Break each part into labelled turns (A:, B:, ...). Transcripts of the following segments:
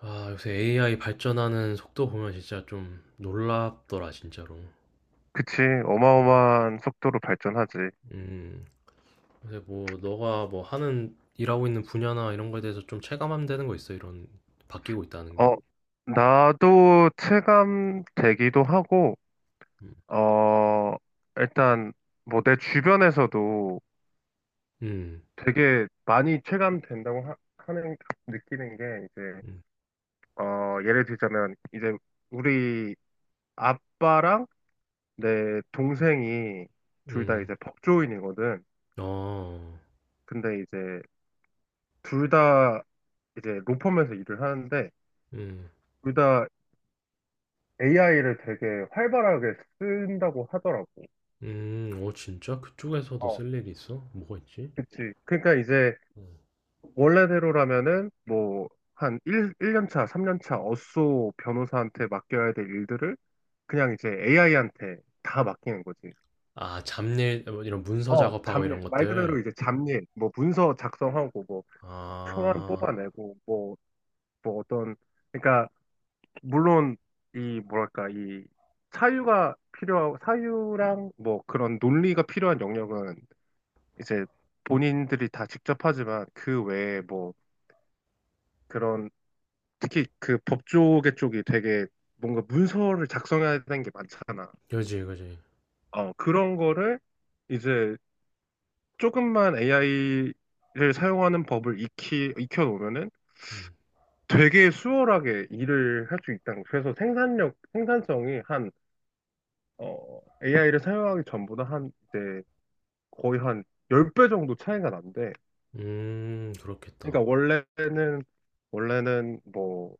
A: 아, 요새 AI 발전하는 속도 보면 진짜 좀 놀랍더라, 진짜로.
B: 그치. 어마어마한 속도로 발전하지.
A: 음. 요새 뭐, 너가 뭐 하는, 일하고 있는 분야나 이런 거에 대해서 좀 체감하면 되는 거 있어, 이런, 바뀌고 있다는 게?
B: 어, 나도 체감되기도 하고,
A: 음.
B: 어, 일단, 뭐, 내 주변에서도
A: 음.
B: 되게 많이 체감된다고 하는, 느끼는 게, 이제,
A: 음.
B: 예를 들자면, 이제, 우리 아빠랑 내 동생이 둘 다
A: 음.
B: 이제 법조인이거든.
A: 어.
B: 근데 이제, 둘 다 이제 로펌에서 일을 하는데,
A: 음.
B: 둘다 AI를 되게 활발하게 쓴다고 하더라고.
A: 음. 어, 진짜? 그쪽에서도
B: 어,
A: 쓸 일이 있어? 뭐가 있지?
B: 그치. 그러니까 이제
A: 음.
B: 원래대로라면은 뭐 한 일년 차, 3년 차 어쏘 변호사한테 맡겨야 될 일들을 그냥 이제 AI한테 다 맡기는 거지.
A: 아, 잡일, 뭐 이런 문서 작업하고 이런
B: 잡일, 말 그대로
A: 것들.
B: 이제 잡일, 뭐 문서 작성하고 뭐 초안
A: 아,
B: 뽑아내고 뭐, 뭐 어떤, 그러니까 물론 이 뭐랄까 이 사유가 필요하고 사유랑 뭐 그런 논리가 필요한 영역은 이제 본인들이 다 직접 하지만 그 외에 뭐 그런 특히 그 법조계 쪽이 되게 뭔가 문서를 작성해야 되는 게 많잖아.
A: 그지, 그지.
B: 그런 거를 이제 조금만 AI를 사용하는 법을 익혀놓으면은
A: 음.
B: 되게 수월하게 일을 할 수 있다는 거. 그래서 생산력, 생산성이 한, AI를 사용하기 전보다 한 이제 거의 한 10배 정도 차이가 난대.
A: 그렇겠다.
B: 그러니까 원래는 원래는 뭐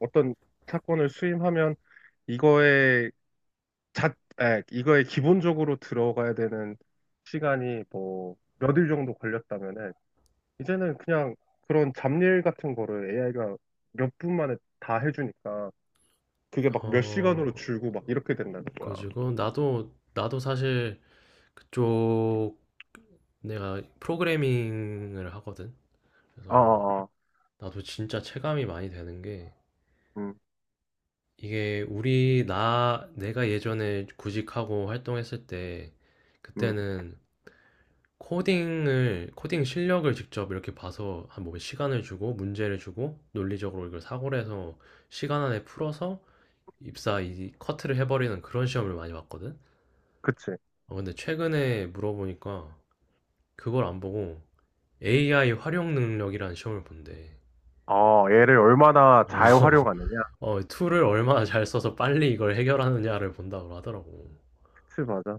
B: 어떤 사건을 수임하면 이거에 자, 이거에 기본적으로 들어가야 되는 시간이 뭐 몇 일 정도 걸렸다면은 이제는 그냥 그런 잡일 같은 거를 AI가 몇 분 만에 다 해주니까 그게 막 몇
A: 어,
B: 시간으로 줄고 막 이렇게 된다는 거야.
A: 그래가지고 나도 사실 그쪽 내가 프로그래밍을 하거든.
B: 어,
A: 그래서
B: 어, 어.
A: 나도 진짜 체감이 많이 되는 게
B: 음,
A: 이게 우리 나 내가 예전에 구직하고 활동했을 때
B: 음,
A: 그때는 코딩 실력을 직접 이렇게 봐서 한 뭐 시간을 주고 문제를 주고 논리적으로 이걸 사고를 해서 시간 안에 풀어서 입사 이 커트를 해버리는 그런 시험을 많이 봤거든.
B: 그치.
A: 아, 근데 최근에 물어보니까 그걸 안 보고 AI 활용 능력이라는 시험을 본대.
B: 어, 얘를 얼마나
A: 어.
B: 잘 활용하느냐.
A: 어, 툴을 얼마나 잘 써서 빨리 이걸 해결하느냐를 본다고 하더라고.
B: 그치, 맞아.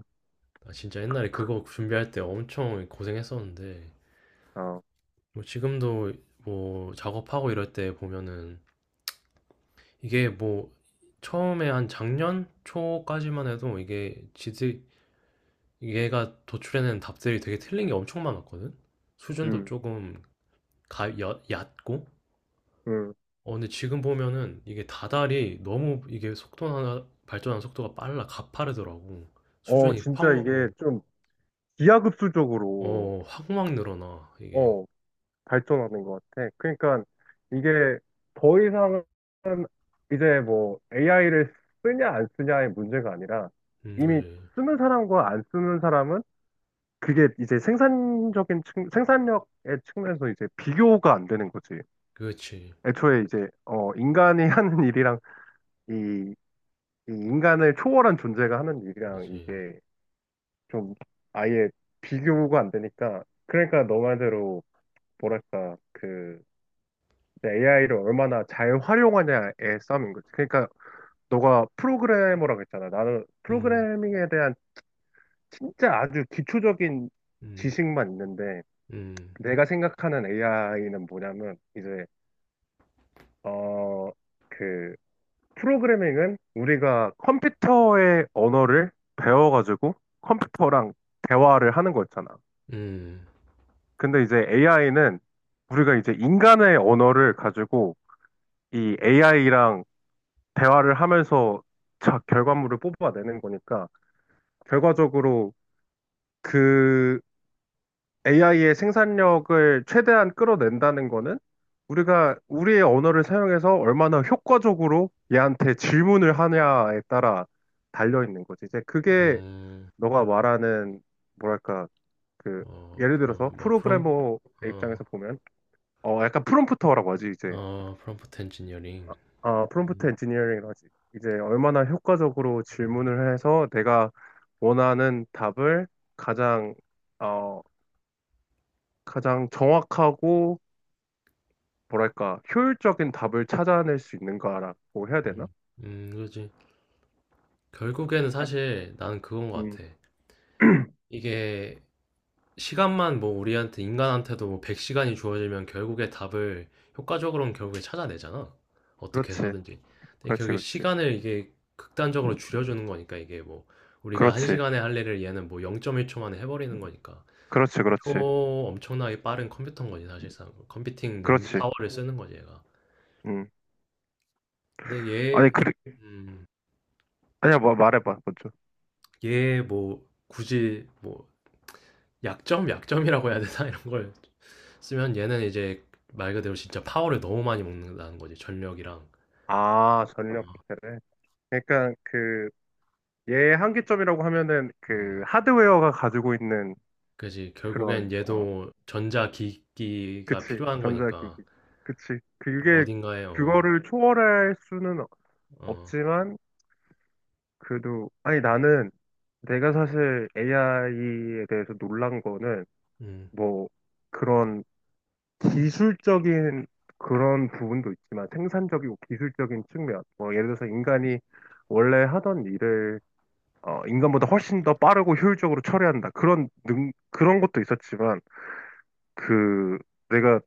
A: 나 진짜 옛날에 그거 준비할 때 엄청 고생했었는데,
B: 어,
A: 뭐 지금도 뭐 작업하고 이럴 때 보면은 이게 뭐 처음에 한 작년 초까지만 해도 얘가 도출해낸 답들이 되게 틀린 게 엄청 많았거든? 수준도
B: 음,
A: 조금 얕고?
B: 음.
A: 어, 근데 지금 보면은 이게 다달이 너무 이게 속도나 발전하는 속도가 빨라 가파르더라고. 수준이
B: 진짜 이게 좀 기하급수적으로,
A: 확막 늘어나, 이게.
B: 어, 발전하는 것 같아. 그러니까 이게 더 이상 이제 뭐 AI를 쓰냐 안 쓰냐의 문제가 아니라 이미
A: 그지.
B: 쓰는 사람과 안 쓰는 사람은 그게 이제 생산적인 측, 생산력의 측면에서 이제 비교가 안 되는 거지.
A: 그렇지.
B: 애초에 이제, 인간이 하는 일이랑 이, 이 인간을 초월한 존재가 하는 일이랑
A: 그지.
B: 이게 좀 아예 비교가 안 되니까 그러니까 너 말대로 뭐랄까 그 AI를 얼마나 잘 활용하냐의 싸움인 거지. 그러니까 너가 프로그래머라고 했잖아. 나는
A: 음.
B: 프로그래밍에 대한 진짜 아주 기초적인
A: 음.
B: 지식만 있는데
A: 음.
B: 내가 생각하는 AI는 뭐냐면 이제 어 그 프로그래밍은 우리가 컴퓨터의 언어를 배워가지고 컴퓨터랑 대화를 하는 거였잖아.
A: 음.
B: 근데 이제 AI는 우리가 이제 인간의 언어를 가지고 이 AI랑 대화를 하면서 자, 결과물을 뽑아내는 거니까 결과적으로 그 AI의 생산력을 최대한 끌어낸다는 거는 우리가 우리의 언어를 사용해서 얼마나 효과적으로 얘한테 질문을 하냐에 따라 달려 있는 거지. 이제 그게
A: 음.
B: 너가 말하는 뭐랄까 그
A: 어,
B: 예를 들어서
A: 그럼, 뭐,
B: 프로그래머
A: 어,
B: 입장에서 보면 약간 프롬프터라고 하지 이제.
A: 프롬프트 엔지니어링.
B: 아, 프롬프트
A: 음.
B: 엔지니어링 하지. 이제 얼마나 효과적으로 질문을 해서 내가 원하는 답을 가장, 어, 가장 정확하고, 뭐랄까, 효율적인 답을 찾아낼 수 있는가라고 해야 되나?
A: 음. 그지. 결국에는
B: 아,
A: 사실 나는 그건 것
B: 음,
A: 같아. 이게 시간만 뭐 우리한테 인간한테도 뭐 100시간이 주어지면 결국에 답을 효과적으로는 결국에 찾아내잖아. 어떻게
B: 그렇지.
A: 해서든지. 근데
B: 그렇지,
A: 결국에
B: 그렇지.
A: 시간을 이게 극단적으로 줄여주는 거니까 이게 뭐 우리가
B: 그렇지.
A: 1시간에 할 일을 얘는 뭐 0.1초 만에 해버리는 거니까.
B: 그렇지,
A: 초
B: 그렇지.
A: 엄청나게 빠른 컴퓨터인 거지 사실상. 컴퓨팅 능
B: 그렇지.
A: 파워를 쓰는 거지 얘가.
B: 음.
A: 근데
B: 아니, 그,
A: 음,
B: 아니야, 뭐, 말해봐, 먼저.
A: 얘 뭐 굳이 뭐 약점, 약점이라고 해야 되나 이런 걸 쓰면 얘는 이제 말 그대로 진짜 파워를 너무 많이 먹는다는 거지 전력이랑.
B: 아, 전력 부패래. 그러니까 그 얘의 한계점이라고 하면은 그
A: 음,
B: 하드웨어가 가지고 있는
A: 그지
B: 그런.
A: 결국엔 얘도 전자 기기가
B: 그치,
A: 필요한 거니까
B: 전자기기. 그치. 그게,
A: 어딘가에 어,
B: 그거를 초월할 수는 없-
A: 어.
B: 없지만, 그래도, 아니, 나는 내가 사실 AI에 대해서 놀란 거는,
A: 음.
B: 뭐, 그런 기술적인 그런 부분도 있지만, 생산적이고 기술적인 측면. 뭐, 예를 들어서 인간이 원래 하던 일을, 인간보다 훨씬 더 빠르고 효율적으로 처리한다. 그런 능, 그런 것도 있었지만, 그, 내가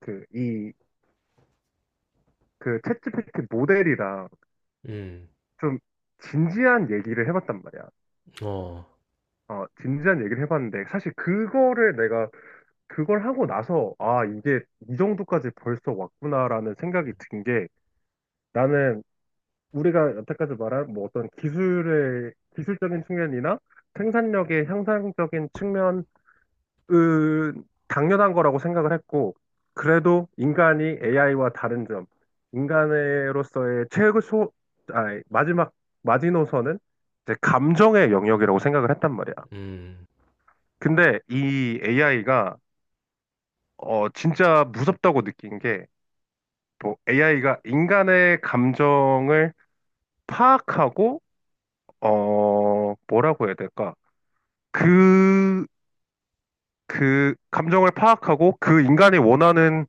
B: 그, 이, 챗GPT 모델이랑
A: 음.
B: 좀 진지한 얘기를 해봤단 말이야.
A: 어.
B: 어, 진지한 얘기를 해봤는데, 사실 그걸 하고 나서, 아, 이게 이 정도까지 벌써 왔구나라는 생각이 든 게, 나는 우리가 여태까지 말한 뭐 어떤 기술적인 측면이나 생산력의 향상적인 측면 그, 당연한 거라고 생각을 했고, 그래도 인간이 AI와 다른 점, 인간으로서의 최소, 아니, 마지막, 마지노선은 이제 감정의 영역이라고 생각을 했단 말이야.
A: 음.
B: 근데 이 AI가, 진짜 무섭다고 느낀 게, 뭐, AI가 인간의 감정을 파악하고, 어, 뭐라고 해야 될까? 그, 감정을 파악하고 그 인간이 원하는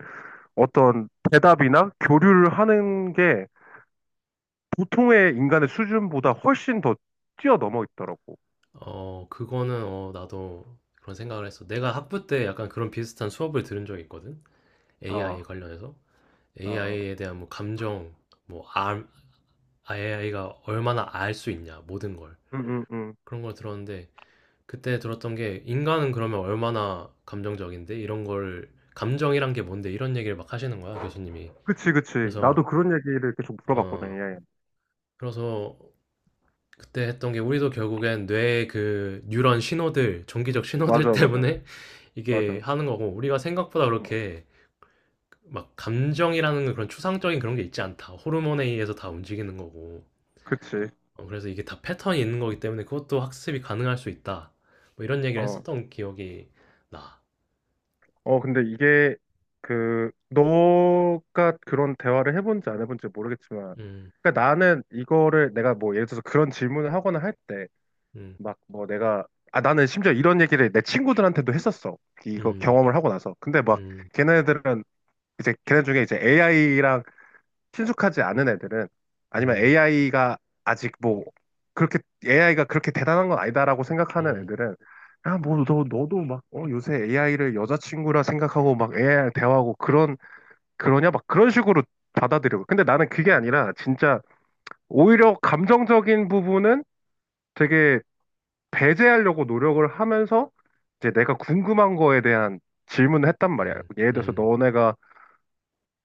B: 어떤 대답이나 교류를 하는 게 보통의 인간의 수준보다 훨씬 더 뛰어넘어 있더라고.
A: 어, 그거는 나도 그런 생각을 했어. 내가 학부 때 약간 그런 비슷한 수업을 들은 적이 있거든. AI에
B: 아,
A: 관련해서
B: 아, 아.
A: AI에 대한 뭐 감정, 뭐 AI가 얼마나 알 수 있냐 모든 걸.
B: 응, 응, 응.
A: 그런 걸 들었는데 그때 들었던 게 인간은 그러면 얼마나 감정적인데 이런 걸 감정이란 게 뭔데 이런 얘기를 막 하시는 거야 교수님이.
B: 그치, 그치.
A: 그래서
B: 나도 그런 얘기를 계속
A: 어
B: 물어봤거든. 예. 예.
A: 그래서 그때 했던 게 우리도 결국엔 뇌의 그 뉴런 신호들 전기적 신호들
B: 맞아, 맞아,
A: 때문에 이게
B: 맞아.
A: 하는 거고 우리가 생각보다
B: 어,
A: 그렇게 막 감정이라는 그런 추상적인 그런 게 있지 않다 호르몬에 의해서 다 움직이는 거고
B: 그치.
A: 어, 그래서 이게 다 패턴이 있는 거기 때문에 그것도 학습이 가능할 수 있다 뭐 이런 얘기를
B: 어,
A: 했었던 기억이 나.
B: 어, 근데 이게 그, 너가 그런 대화를 해본지 안 해본지 모르겠지만,
A: 음.
B: 그러니까 나는 이거를 내가 뭐 예를 들어서 그런 질문을 하거나 할때
A: 음.
B: 막 뭐 내가. 아, 나는 심지어 이런 얘기를 내 친구들한테도 했었어. 이거
A: 음.
B: 경험을 하고 나서. 근데 막
A: 음.
B: 걔네들은 이제 걔네 중에 이제 AI랑 친숙하지 않은 애들은. 아니면
A: 음.
B: AI가 아직 뭐 그렇게 AI가 그렇게 대단한 건 아니다라고 생각하는
A: 음.
B: 애들은 야, 뭐, 너도 막, 요새 AI를 여자친구라 생각하고 막 AI랑 대화하고 그런, 그러냐? 막 그런 식으로 받아들이고. 근데 나는 그게
A: 음.
B: 아니라 진짜 오히려 감정적인 부분은 되게 배제하려고 노력을 하면서 이제 내가 궁금한 거에 대한 질문을 했단 말이야.
A: 음.
B: 예를 들어서
A: 음.
B: 너네가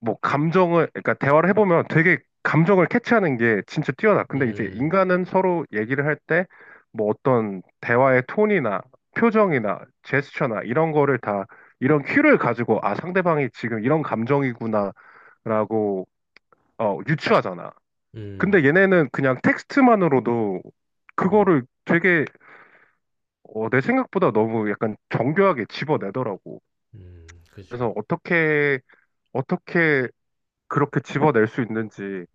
B: 뭐 감정을, 그러니까 대화를 해보면 되게 감정을 캐치하는 게 진짜 뛰어나. 근데 이제
A: 음.
B: 인간은 서로 얘기를 할 때 뭐 어떤 대화의 톤이나 표정이나 제스처나 이런 거를 다 이런 큐를 가지고 아, 상대방이 지금 이런 감정이구나 라고 유추하잖아.
A: 음.
B: 근데 얘네는 그냥 텍스트만으로도 그거를 되게 내 생각보다 너무 약간 정교하게 집어내더라고.
A: 음. 그치.
B: 그래서 어떻게 그렇게 집어낼 수 있는지,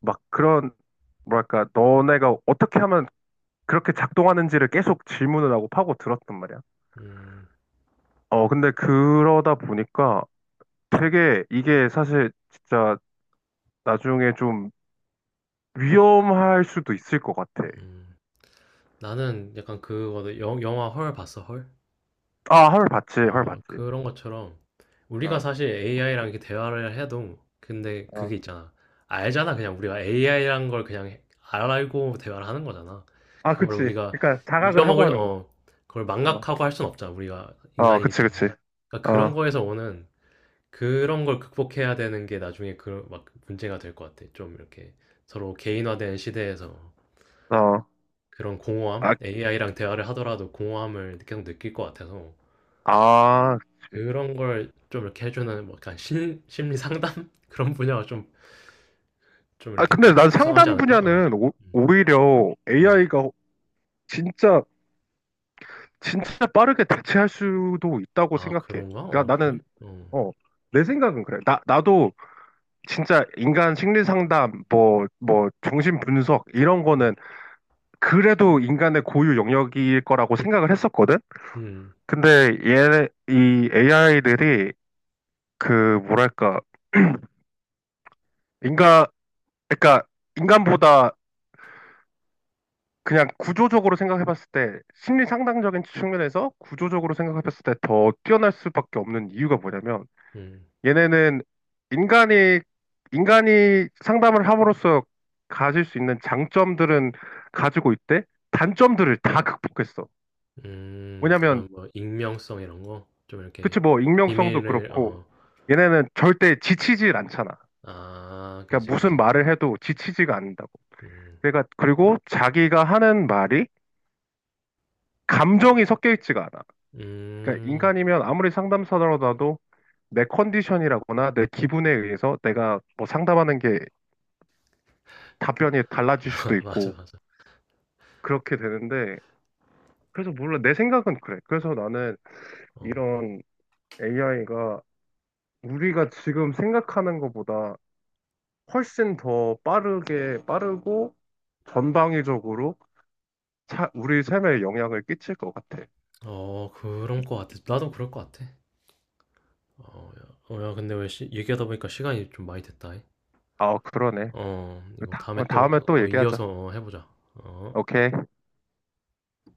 B: 막 그런, 뭐랄까, 너네가 어떻게 하면 그렇게 작동하는지를 계속 질문을 하고 파고 들었단 말이야.
A: 음.
B: 어, 근데 그러다 보니까 되게 이게 사실 진짜 나중에 좀 위험할 수도 있을 것 같아.
A: 음. 나는 약간 그거 영 영화 헐 봤어, 헐?
B: 아, 헐, 봤지, 헐,
A: 아,
B: 봤지.
A: 그런 것처럼 우리가
B: 어,
A: 사실 AI랑 이렇게 대화를 해도 근데
B: 어.
A: 그게 있잖아. 알잖아. 그냥 우리가 AI란 걸 그냥 알고 대화를 하는 거잖아.
B: 아,
A: 그거를
B: 그치.
A: 우리가
B: 그러니까 자각을 하고
A: 잊어먹을
B: 하는 거지.
A: 어 그걸
B: 어,
A: 망각하고 할 순 없잖아. 우리가
B: 어,
A: 인간이기
B: 그치, 그치.
A: 때문에. 그러니까 그런
B: 어,
A: 거에서 오는 그런 걸 극복해야 되는 게 나중에 그 막 문제가 될 것 같아. 좀 이렇게 서로 개인화된 시대에서
B: 어.
A: 그런 공허함,
B: 아,
A: AI랑 대화를 하더라도 공허함을 계속 느낄 것 같아서
B: 아, 그치.
A: 그런 걸 좀 이렇게 해주는 뭐 약간 심리 상담 그런 분야가 좀
B: 아,
A: 이렇게
B: 근데
A: 딱
B: 난
A: 구성하지
B: 상담
A: 않을까? 어.
B: 분야는 오,
A: 음.
B: 오히려
A: 음.
B: AI가 진짜, 진짜 빠르게 대체할 수도 있다고
A: 아,
B: 생각해.
A: 그런가? 어,
B: 그러니까
A: 그래?
B: 나는,
A: 어.
B: 어, 내 생각은 그래. 나도 진짜 인간 심리 상담, 뭐, 뭐, 정신 분석, 이런
A: 음.
B: 거는 그래도 인간의 고유 영역일 거라고 생각을 했었거든?
A: 음.
B: 근데 얘, 이 AI들이 그, 뭐랄까, 인간, 그러니까 인간보다 그냥 구조적으로 생각해봤을 때 심리 상담적인 측면에서 구조적으로 생각해봤을 때 더 뛰어날 수밖에 없는 이유가 뭐냐면
A: 음.
B: 얘네는 인간이 인간이 상담을 함으로써 가질 수 있는 장점들은 가지고 있대. 단점들을 다 극복했어.
A: 음.
B: 왜냐면.
A: 그런 뭐 익명성 이런 거 좀 이렇게
B: 그치 뭐 익명성도
A: 비밀을
B: 그렇고
A: 어.
B: 얘네는 절대 지치질 않잖아.
A: 아, 그지,
B: 그러니까 무슨
A: 그지.
B: 말을 해도 지치지가 않는다고.
A: 음.
B: 그러니까 그리고 자기가 하는 말이 감정이 섞여 있지가 않아. 그러니까
A: 음.
B: 인간이면 아무리 상담사라도 내 컨디션이라거나 내 기분에 의해서 내가 뭐 상담하는 게 답변이 달라질 수도
A: 맞아,
B: 있고
A: 맞아.
B: 그렇게 되는데 그래서 몰라 내 생각은 그래. 그래서 나는
A: 어,
B: 이런 AI가 우리가 지금 생각하는 것보다 훨씬 더 빠르게 빠르고 전방위적으로 우리 삶에 영향을 끼칠 것 같아.
A: 어, 그런 거 같아. 나도 그럴 거 같아. 어, 야, 어, 야, 근데 왜 얘기하다 보니까 시간이 좀 많이 됐다.
B: 아, 그러네.
A: 어, 이거 다음에
B: 다음에
A: 또
B: 또 얘기하자.
A: 이어서 해 보자. 어.
B: 오케이.